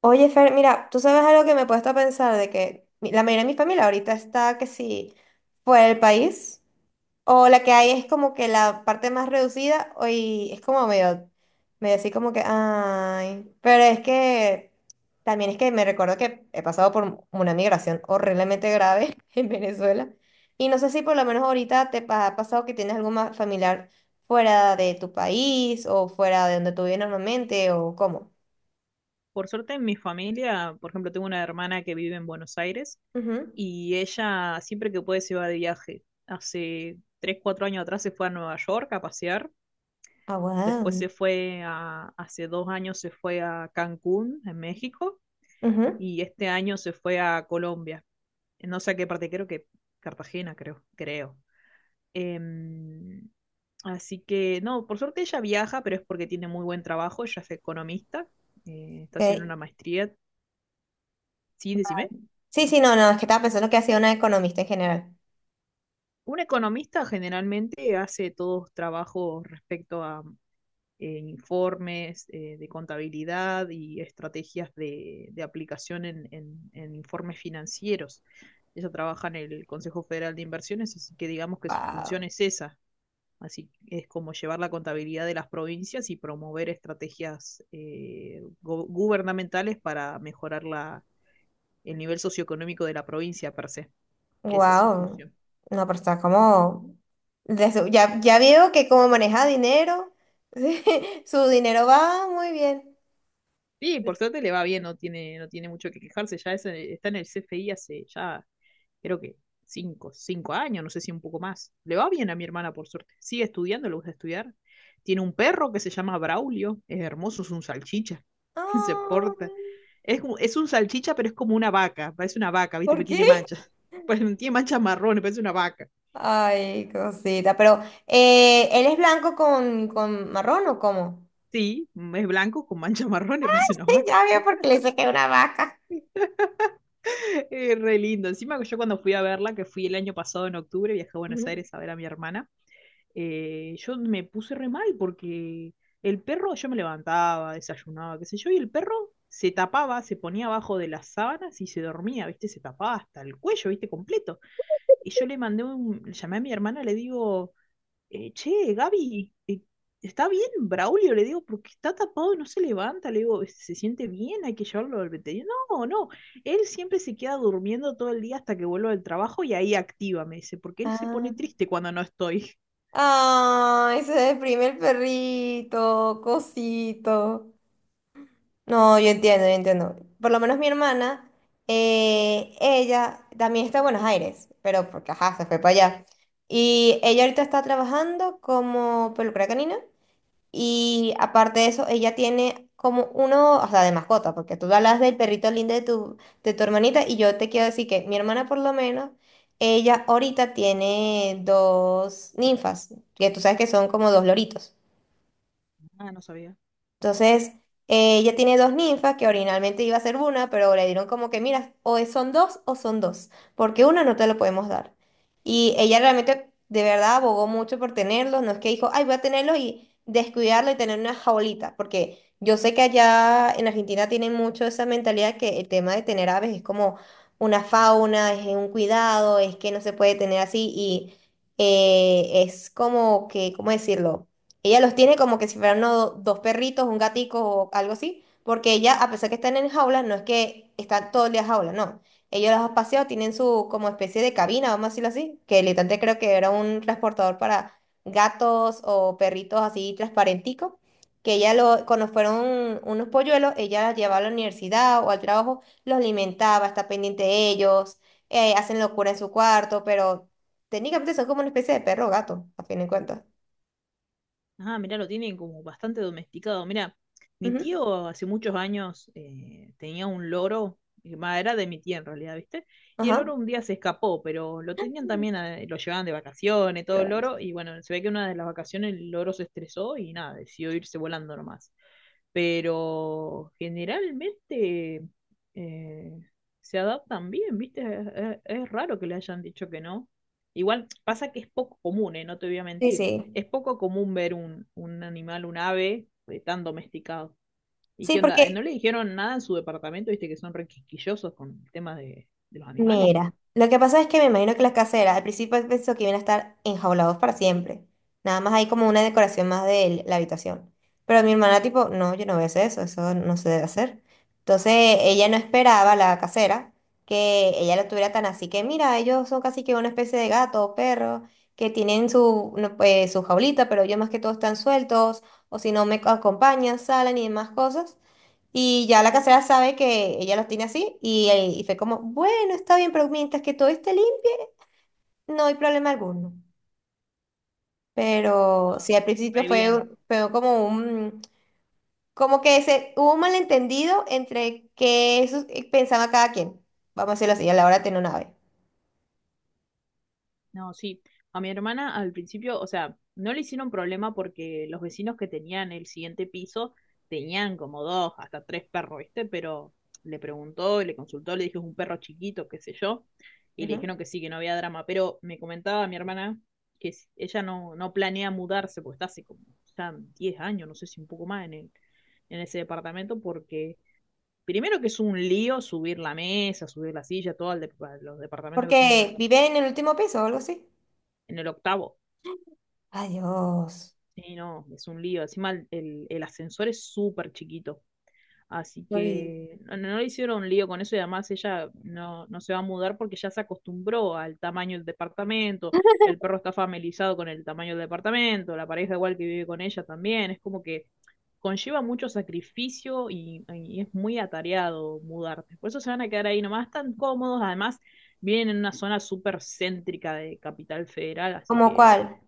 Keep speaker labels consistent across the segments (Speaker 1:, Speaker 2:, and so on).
Speaker 1: Oye, Fer, mira, tú sabes, algo que me he puesto a pensar, de que la mayoría de mi familia ahorita está que si fuera del país, o la que hay es como que la parte más reducida. O Y es como medio así como que, ay, pero es que también es que me recuerdo que he pasado por una migración horriblemente grave en Venezuela. Y no sé si por lo menos ahorita ha pasado que tienes algún familiar fuera de tu país o fuera de donde tú vives normalmente, o cómo.
Speaker 2: Por suerte en mi familia, por ejemplo, tengo una hermana que vive en Buenos Aires
Speaker 1: Ujú.
Speaker 2: y ella siempre que puede se va de viaje. Hace tres, cuatro años atrás se fue a Nueva York a pasear,
Speaker 1: Ah,
Speaker 2: después
Speaker 1: wow.
Speaker 2: hace dos años se fue a Cancún, en México,
Speaker 1: Ujú,
Speaker 2: y este año se fue a Colombia. No sé a qué parte, creo que Cartagena, creo, creo. Em, Así que, no, por suerte ella viaja, pero es porque tiene muy buen trabajo, ella es economista, está haciendo
Speaker 1: ok.
Speaker 2: una maestría. Sí,
Speaker 1: Va.
Speaker 2: decime.
Speaker 1: Sí, sí, no, no, es que estaba pensando que hacía una economista en general.
Speaker 2: Un economista generalmente hace todos trabajos respecto a informes de contabilidad y estrategias de aplicación en informes financieros. Ella trabaja en el Consejo Federal de Inversiones, así que digamos que su función
Speaker 1: Wow.
Speaker 2: es esa. Así es como llevar la contabilidad de las provincias y promover estrategias gubernamentales para mejorar el nivel socioeconómico de la provincia per se. Esa es su
Speaker 1: Wow.
Speaker 2: función.
Speaker 1: No, pero está como... ya, ya veo que como maneja dinero, su dinero va muy bien.
Speaker 2: Sí, por suerte le va bien, no tiene mucho que quejarse. Está en el CFI hace ya, creo que cinco, cinco años, no sé si un poco más. Le va bien a mi hermana, por suerte. Sigue estudiando, le gusta estudiar. Tiene un perro que se llama Braulio, es hermoso, es un salchicha. Se
Speaker 1: Ah,
Speaker 2: porta. Es un salchicha, pero es como una vaca, parece una vaca, ¿viste?
Speaker 1: ¿por
Speaker 2: Pero
Speaker 1: qué?
Speaker 2: tiene manchas. Pues, tiene manchas marrones, parece una vaca.
Speaker 1: Ay, cosita, pero ¿él es blanco con marrón, o cómo?
Speaker 2: Sí, es blanco con manchas marrones, parece una vaca.
Speaker 1: Ya veo porque le saqué una vaca.
Speaker 2: Re lindo. Encima que yo cuando fui a verla, que fui el año pasado en octubre, viajé a Buenos
Speaker 1: Ujú.
Speaker 2: Aires a ver a mi hermana, yo me puse re mal porque el perro, yo me levantaba, desayunaba, qué sé yo, y el perro se tapaba, se ponía abajo de las sábanas y se dormía, ¿viste? Se tapaba hasta el cuello, ¿viste? Completo. Y yo le llamé a mi hermana, le digo, che, Gaby, ¿está bien Braulio? Le digo, porque está tapado y no se levanta. Le digo, ¿se siente bien? Hay que llevarlo al veterinario. No, no, él siempre se queda durmiendo todo el día hasta que vuelvo del trabajo y ahí activa, me dice, porque él se
Speaker 1: Ah.
Speaker 2: pone triste cuando no estoy.
Speaker 1: Ay, se deprime el perrito, cosito. No, yo entiendo, yo entiendo. Por lo menos mi hermana, ella también está en Buenos Aires, pero porque, ajá, se fue para allá. Y ella ahorita está trabajando como peluquera canina, y aparte de eso, ella tiene como uno, o sea, de mascota, porque tú hablas del perrito lindo de tu hermanita, y yo te quiero decir que mi hermana, por lo menos, ella ahorita tiene dos ninfas, que tú sabes que son como dos loritos.
Speaker 2: Ah, no sabía.
Speaker 1: Entonces, ella tiene dos ninfas, que originalmente iba a ser una, pero le dieron como que, mira, son dos o son dos, porque una no te lo podemos dar. Y ella realmente, de verdad, abogó mucho por tenerlos, no es que dijo, ay, voy a tenerlos y descuidarlo y tener una jaulita, porque yo sé que allá en Argentina tienen mucho esa mentalidad, que el tema de tener aves es como una fauna, es un cuidado, es que no se puede tener así. Y es como que, ¿cómo decirlo? Ella los tiene como que si fueran dos perritos, un gatico o algo así, porque ella, a pesar que están en jaula, no es que están todo el día en jaula, no. Ellos los han paseado, tienen su como especie de cabina, vamos a decirlo así, que literalmente creo que era un transportador para gatos o perritos, así transparentico, que ella lo, cuando fueron unos polluelos, ella los llevaba a la universidad o al trabajo, los alimentaba, está pendiente de ellos, hacen locura en su cuarto, pero técnicamente son como una especie de perro o gato, a fin de cuentas.
Speaker 2: Ah, mirá, lo tienen como bastante domesticado. Mira, mi
Speaker 1: Ujú.
Speaker 2: tío hace muchos años tenía un loro, va, era de mi tía en realidad, ¿viste? Y el
Speaker 1: Ajá.
Speaker 2: loro un día se escapó, pero lo tenían también, lo llevaban de vacaciones, todo el
Speaker 1: Dios.
Speaker 2: loro, y bueno, se ve que una de las vacaciones el loro se estresó y nada, decidió irse volando nomás, pero generalmente eh, se adaptan bien, ¿viste? Es raro que le hayan dicho que no. Igual pasa que es poco común, ¿eh? No te voy a
Speaker 1: Sí,
Speaker 2: mentir.
Speaker 1: sí.
Speaker 2: Es poco común ver un animal, un ave tan domesticado. ¿Y
Speaker 1: Sí,
Speaker 2: qué onda? ¿No
Speaker 1: porque,
Speaker 2: le dijeron nada en su departamento? ¿Viste que son re quisquillosos con el tema de los animales?
Speaker 1: mira, lo que pasa es que me imagino que las caseras al principio pensó que iban a estar enjaulados para siempre. Nada más hay como una decoración más de la habitación. Pero mi hermana, tipo, no, yo no voy a hacer eso, eso no se debe hacer. Entonces, ella no esperaba, la casera, que ella lo tuviera tan así, que, mira, ellos son casi que una especie de gato o perro, que tienen su, no, pues, su jaulita, pero ellos más que todo están sueltos, o si no me acompañan, salen y demás cosas. Y ya la casera sabe que ella los tiene así, y fue como, bueno, está bien, pero mientras que todo esté limpio, no hay problema alguno. Pero
Speaker 2: No,
Speaker 1: sí, al principio
Speaker 2: re bien.
Speaker 1: fue como un, como que se, hubo un malentendido entre qué pensaba cada quien, vamos a decirlo así, a la hora de tener una ave.
Speaker 2: No, sí. A mi hermana al principio, o sea, no le hicieron problema porque los vecinos que tenían el siguiente piso tenían como dos, hasta tres perros, ¿viste? Pero le preguntó, le consultó, le dijo es un perro chiquito, qué sé yo, y le
Speaker 1: Ujú.
Speaker 2: dijeron que sí, que no había drama. Pero me comentaba mi hermana que ella no planea mudarse, porque está hace como ya 10 años, no sé si un poco más en ese departamento, porque primero que es un lío subir la mesa, subir la silla, todo a los departamentos que son muy
Speaker 1: Porque
Speaker 2: altos.
Speaker 1: vive en el último piso o algo así.
Speaker 2: En el octavo.
Speaker 1: Adiós.
Speaker 2: Sí, no, es un lío. Encima el ascensor es súper chiquito. Así
Speaker 1: Ay,
Speaker 2: que no, no le hicieron un lío con eso y además ella no, no se va a mudar porque ya se acostumbró al tamaño del departamento. El perro está familiarizado con el tamaño del departamento, la pareja igual que vive con ella también. Es como que conlleva mucho sacrificio y es muy atareado mudarte. Por eso se van a quedar ahí nomás tan cómodos. Además, vienen en una zona súper céntrica de Capital Federal, así
Speaker 1: ¿cómo
Speaker 2: que
Speaker 1: cuál?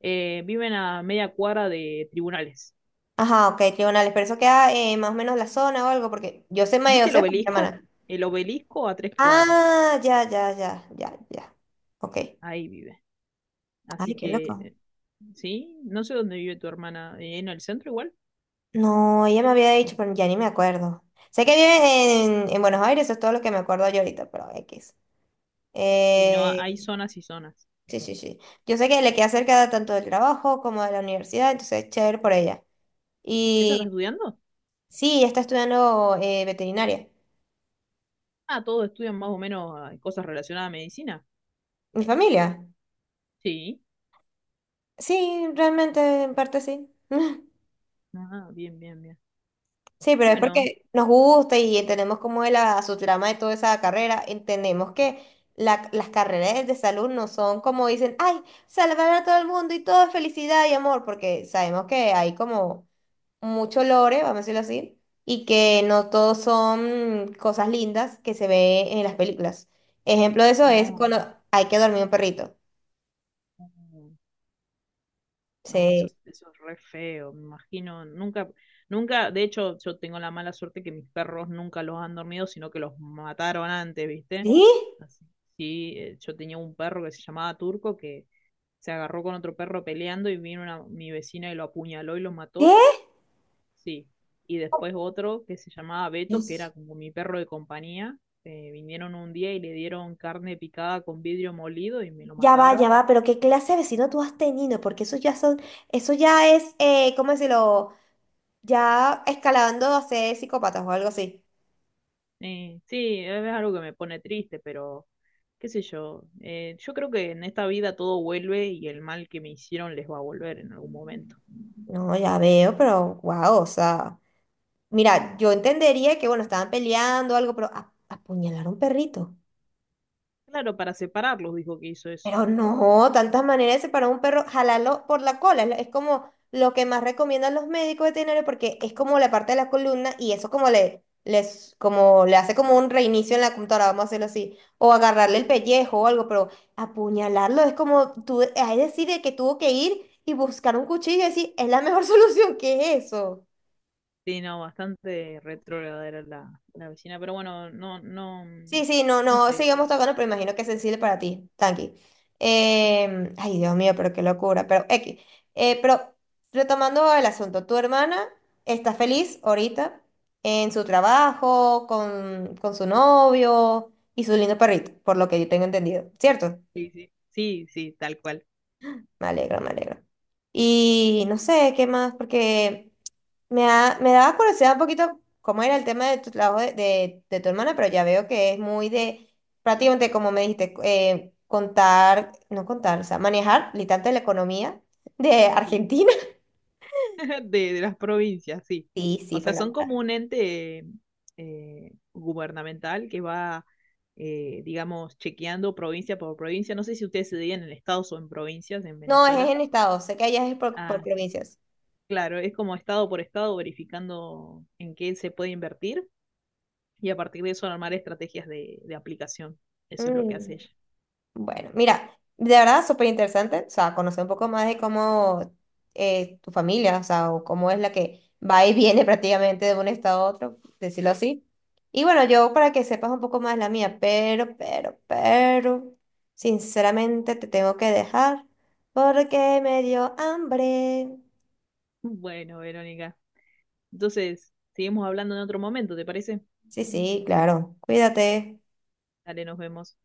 Speaker 2: viven a media cuadra de tribunales.
Speaker 1: Ajá, ok, tribunales, pero eso queda, más o menos, la zona o algo, porque yo sé más, yo
Speaker 2: ¿Viste el
Speaker 1: sé, por mi
Speaker 2: obelisco?
Speaker 1: hermana.
Speaker 2: El obelisco a tres cuadras.
Speaker 1: Ah, ya, ya, ya, ya, ya. Ok.
Speaker 2: Ahí vive.
Speaker 1: Ay,
Speaker 2: Así
Speaker 1: qué
Speaker 2: que,
Speaker 1: loco.
Speaker 2: sí, no sé dónde vive tu hermana. ¿En el centro igual?
Speaker 1: No, ella me había dicho, pero ya ni me acuerdo. Sé que vive en Buenos Aires, eso es todo lo que me acuerdo yo ahorita, pero X.
Speaker 2: Y no, hay
Speaker 1: Eh,
Speaker 2: zonas y zonas.
Speaker 1: sí, sí, sí. Yo sé que le queda cerca tanto del trabajo como de la universidad, entonces chévere por ella.
Speaker 2: ¿Ella está
Speaker 1: Y
Speaker 2: estudiando?
Speaker 1: sí, ella está estudiando veterinaria.
Speaker 2: Ah, todos estudian más o menos ah, cosas relacionadas a medicina.
Speaker 1: ¿Mi familia?
Speaker 2: Sí.
Speaker 1: Sí, realmente en parte sí.
Speaker 2: Ah, bien, bien, bien.
Speaker 1: Sí, pero es
Speaker 2: Bueno,
Speaker 1: porque nos gusta y entendemos cómo es la, su trama de toda esa carrera. Entendemos que las carreras de salud no son como dicen, ay, salvar a todo el mundo y todo es felicidad y amor, porque sabemos que hay como mucho lore, vamos a decirlo así, y que no todos son cosas lindas que se ve en las películas. Ejemplo de eso es cuando
Speaker 2: no.
Speaker 1: hay que dormir un perrito.
Speaker 2: No. No. No, eso,
Speaker 1: Sí.
Speaker 2: eso es re feo, me imagino. Nunca, nunca, de hecho, yo tengo la mala suerte que mis perros nunca los han dormido, sino que los mataron antes, ¿viste?
Speaker 1: ¿Sí?
Speaker 2: Así, sí, yo tenía un perro que se llamaba Turco que se agarró con otro perro peleando y vino mi vecina y lo apuñaló y lo mató, sí. Y después otro que se llamaba
Speaker 1: ¿Qué?
Speaker 2: Beto, que era como mi perro de compañía, vinieron un día y le dieron carne picada con vidrio molido y me lo
Speaker 1: Ya
Speaker 2: mataron.
Speaker 1: va, pero ¿qué clase de vecino tú has tenido? Porque eso ya son, eso ya es, ¿cómo decirlo? Ya escalando a ser psicópatas o algo así.
Speaker 2: Sí, es algo que me pone triste, pero qué sé yo. Yo creo que en esta vida todo vuelve y el mal que me hicieron les va a volver en algún momento.
Speaker 1: No, ya veo, pero wow, o sea, mira, yo entendería que, bueno, estaban peleando o algo, pero apuñalar a un perrito.
Speaker 2: Claro, para separarlos dijo que hizo eso.
Speaker 1: Pero no, tantas maneras de separar un perro, jalarlo por la cola, es como lo que más recomiendan los médicos veterinarios, porque es como la parte de la columna, y eso como le, les, como le hace como un reinicio en la computadora, vamos a hacerlo así, o agarrarle el pellejo o algo, pero apuñalarlo es como tú, es decir, de que tuvo que ir y buscar un cuchillo y decir, es la mejor solución, que es eso.
Speaker 2: Sí, no, bastante retrógrada era la vecina, pero bueno, no, no,
Speaker 1: Sí, sí, no,
Speaker 2: no
Speaker 1: no,
Speaker 2: sé,
Speaker 1: sigamos
Speaker 2: ya.
Speaker 1: tocando, pero imagino que es sensible para ti, tranqui. Ay, Dios mío, pero qué locura, pero X. Pero retomando el asunto, tu hermana está feliz ahorita en su trabajo, con su novio y su lindo perrito, por lo que yo tengo entendido, ¿cierto?
Speaker 2: Sí, sí. Sí, sí, tal cual.
Speaker 1: Me alegro, me alegro. Y no sé, ¿qué más? Porque... me daba curiosidad un poquito cómo era el tema de tu trabajo de tu hermana, pero ya veo que es muy de, prácticamente como me dijiste, contar, no contar, o sea, manejar literalmente la economía de Argentina.
Speaker 2: De las provincias, sí.
Speaker 1: Sí, sí,
Speaker 2: O sea,
Speaker 1: pero
Speaker 2: son
Speaker 1: no.
Speaker 2: como un ente gubernamental que va, digamos, chequeando provincia por provincia. No sé si ustedes se dirían en estados o en provincias en
Speaker 1: No, es
Speaker 2: Venezuela.
Speaker 1: en estado, sé que allá es por
Speaker 2: Ah,
Speaker 1: provincias.
Speaker 2: claro, es como estado por estado verificando en qué se puede invertir y a partir de eso armar estrategias de aplicación. Eso es lo que
Speaker 1: Mm.
Speaker 2: hace ella.
Speaker 1: Bueno, mira, de verdad súper interesante, o sea, conocer un poco más de cómo tu familia, o sea, o cómo es la que va y viene prácticamente de un estado a otro, decirlo así. Y bueno, yo para que sepas un poco más la mía, pero, sinceramente te tengo que dejar porque me dio hambre.
Speaker 2: Bueno, Verónica. Entonces, seguimos hablando en otro momento, ¿te parece?
Speaker 1: Sí, sí, claro, cuídate.
Speaker 2: Dale, nos vemos.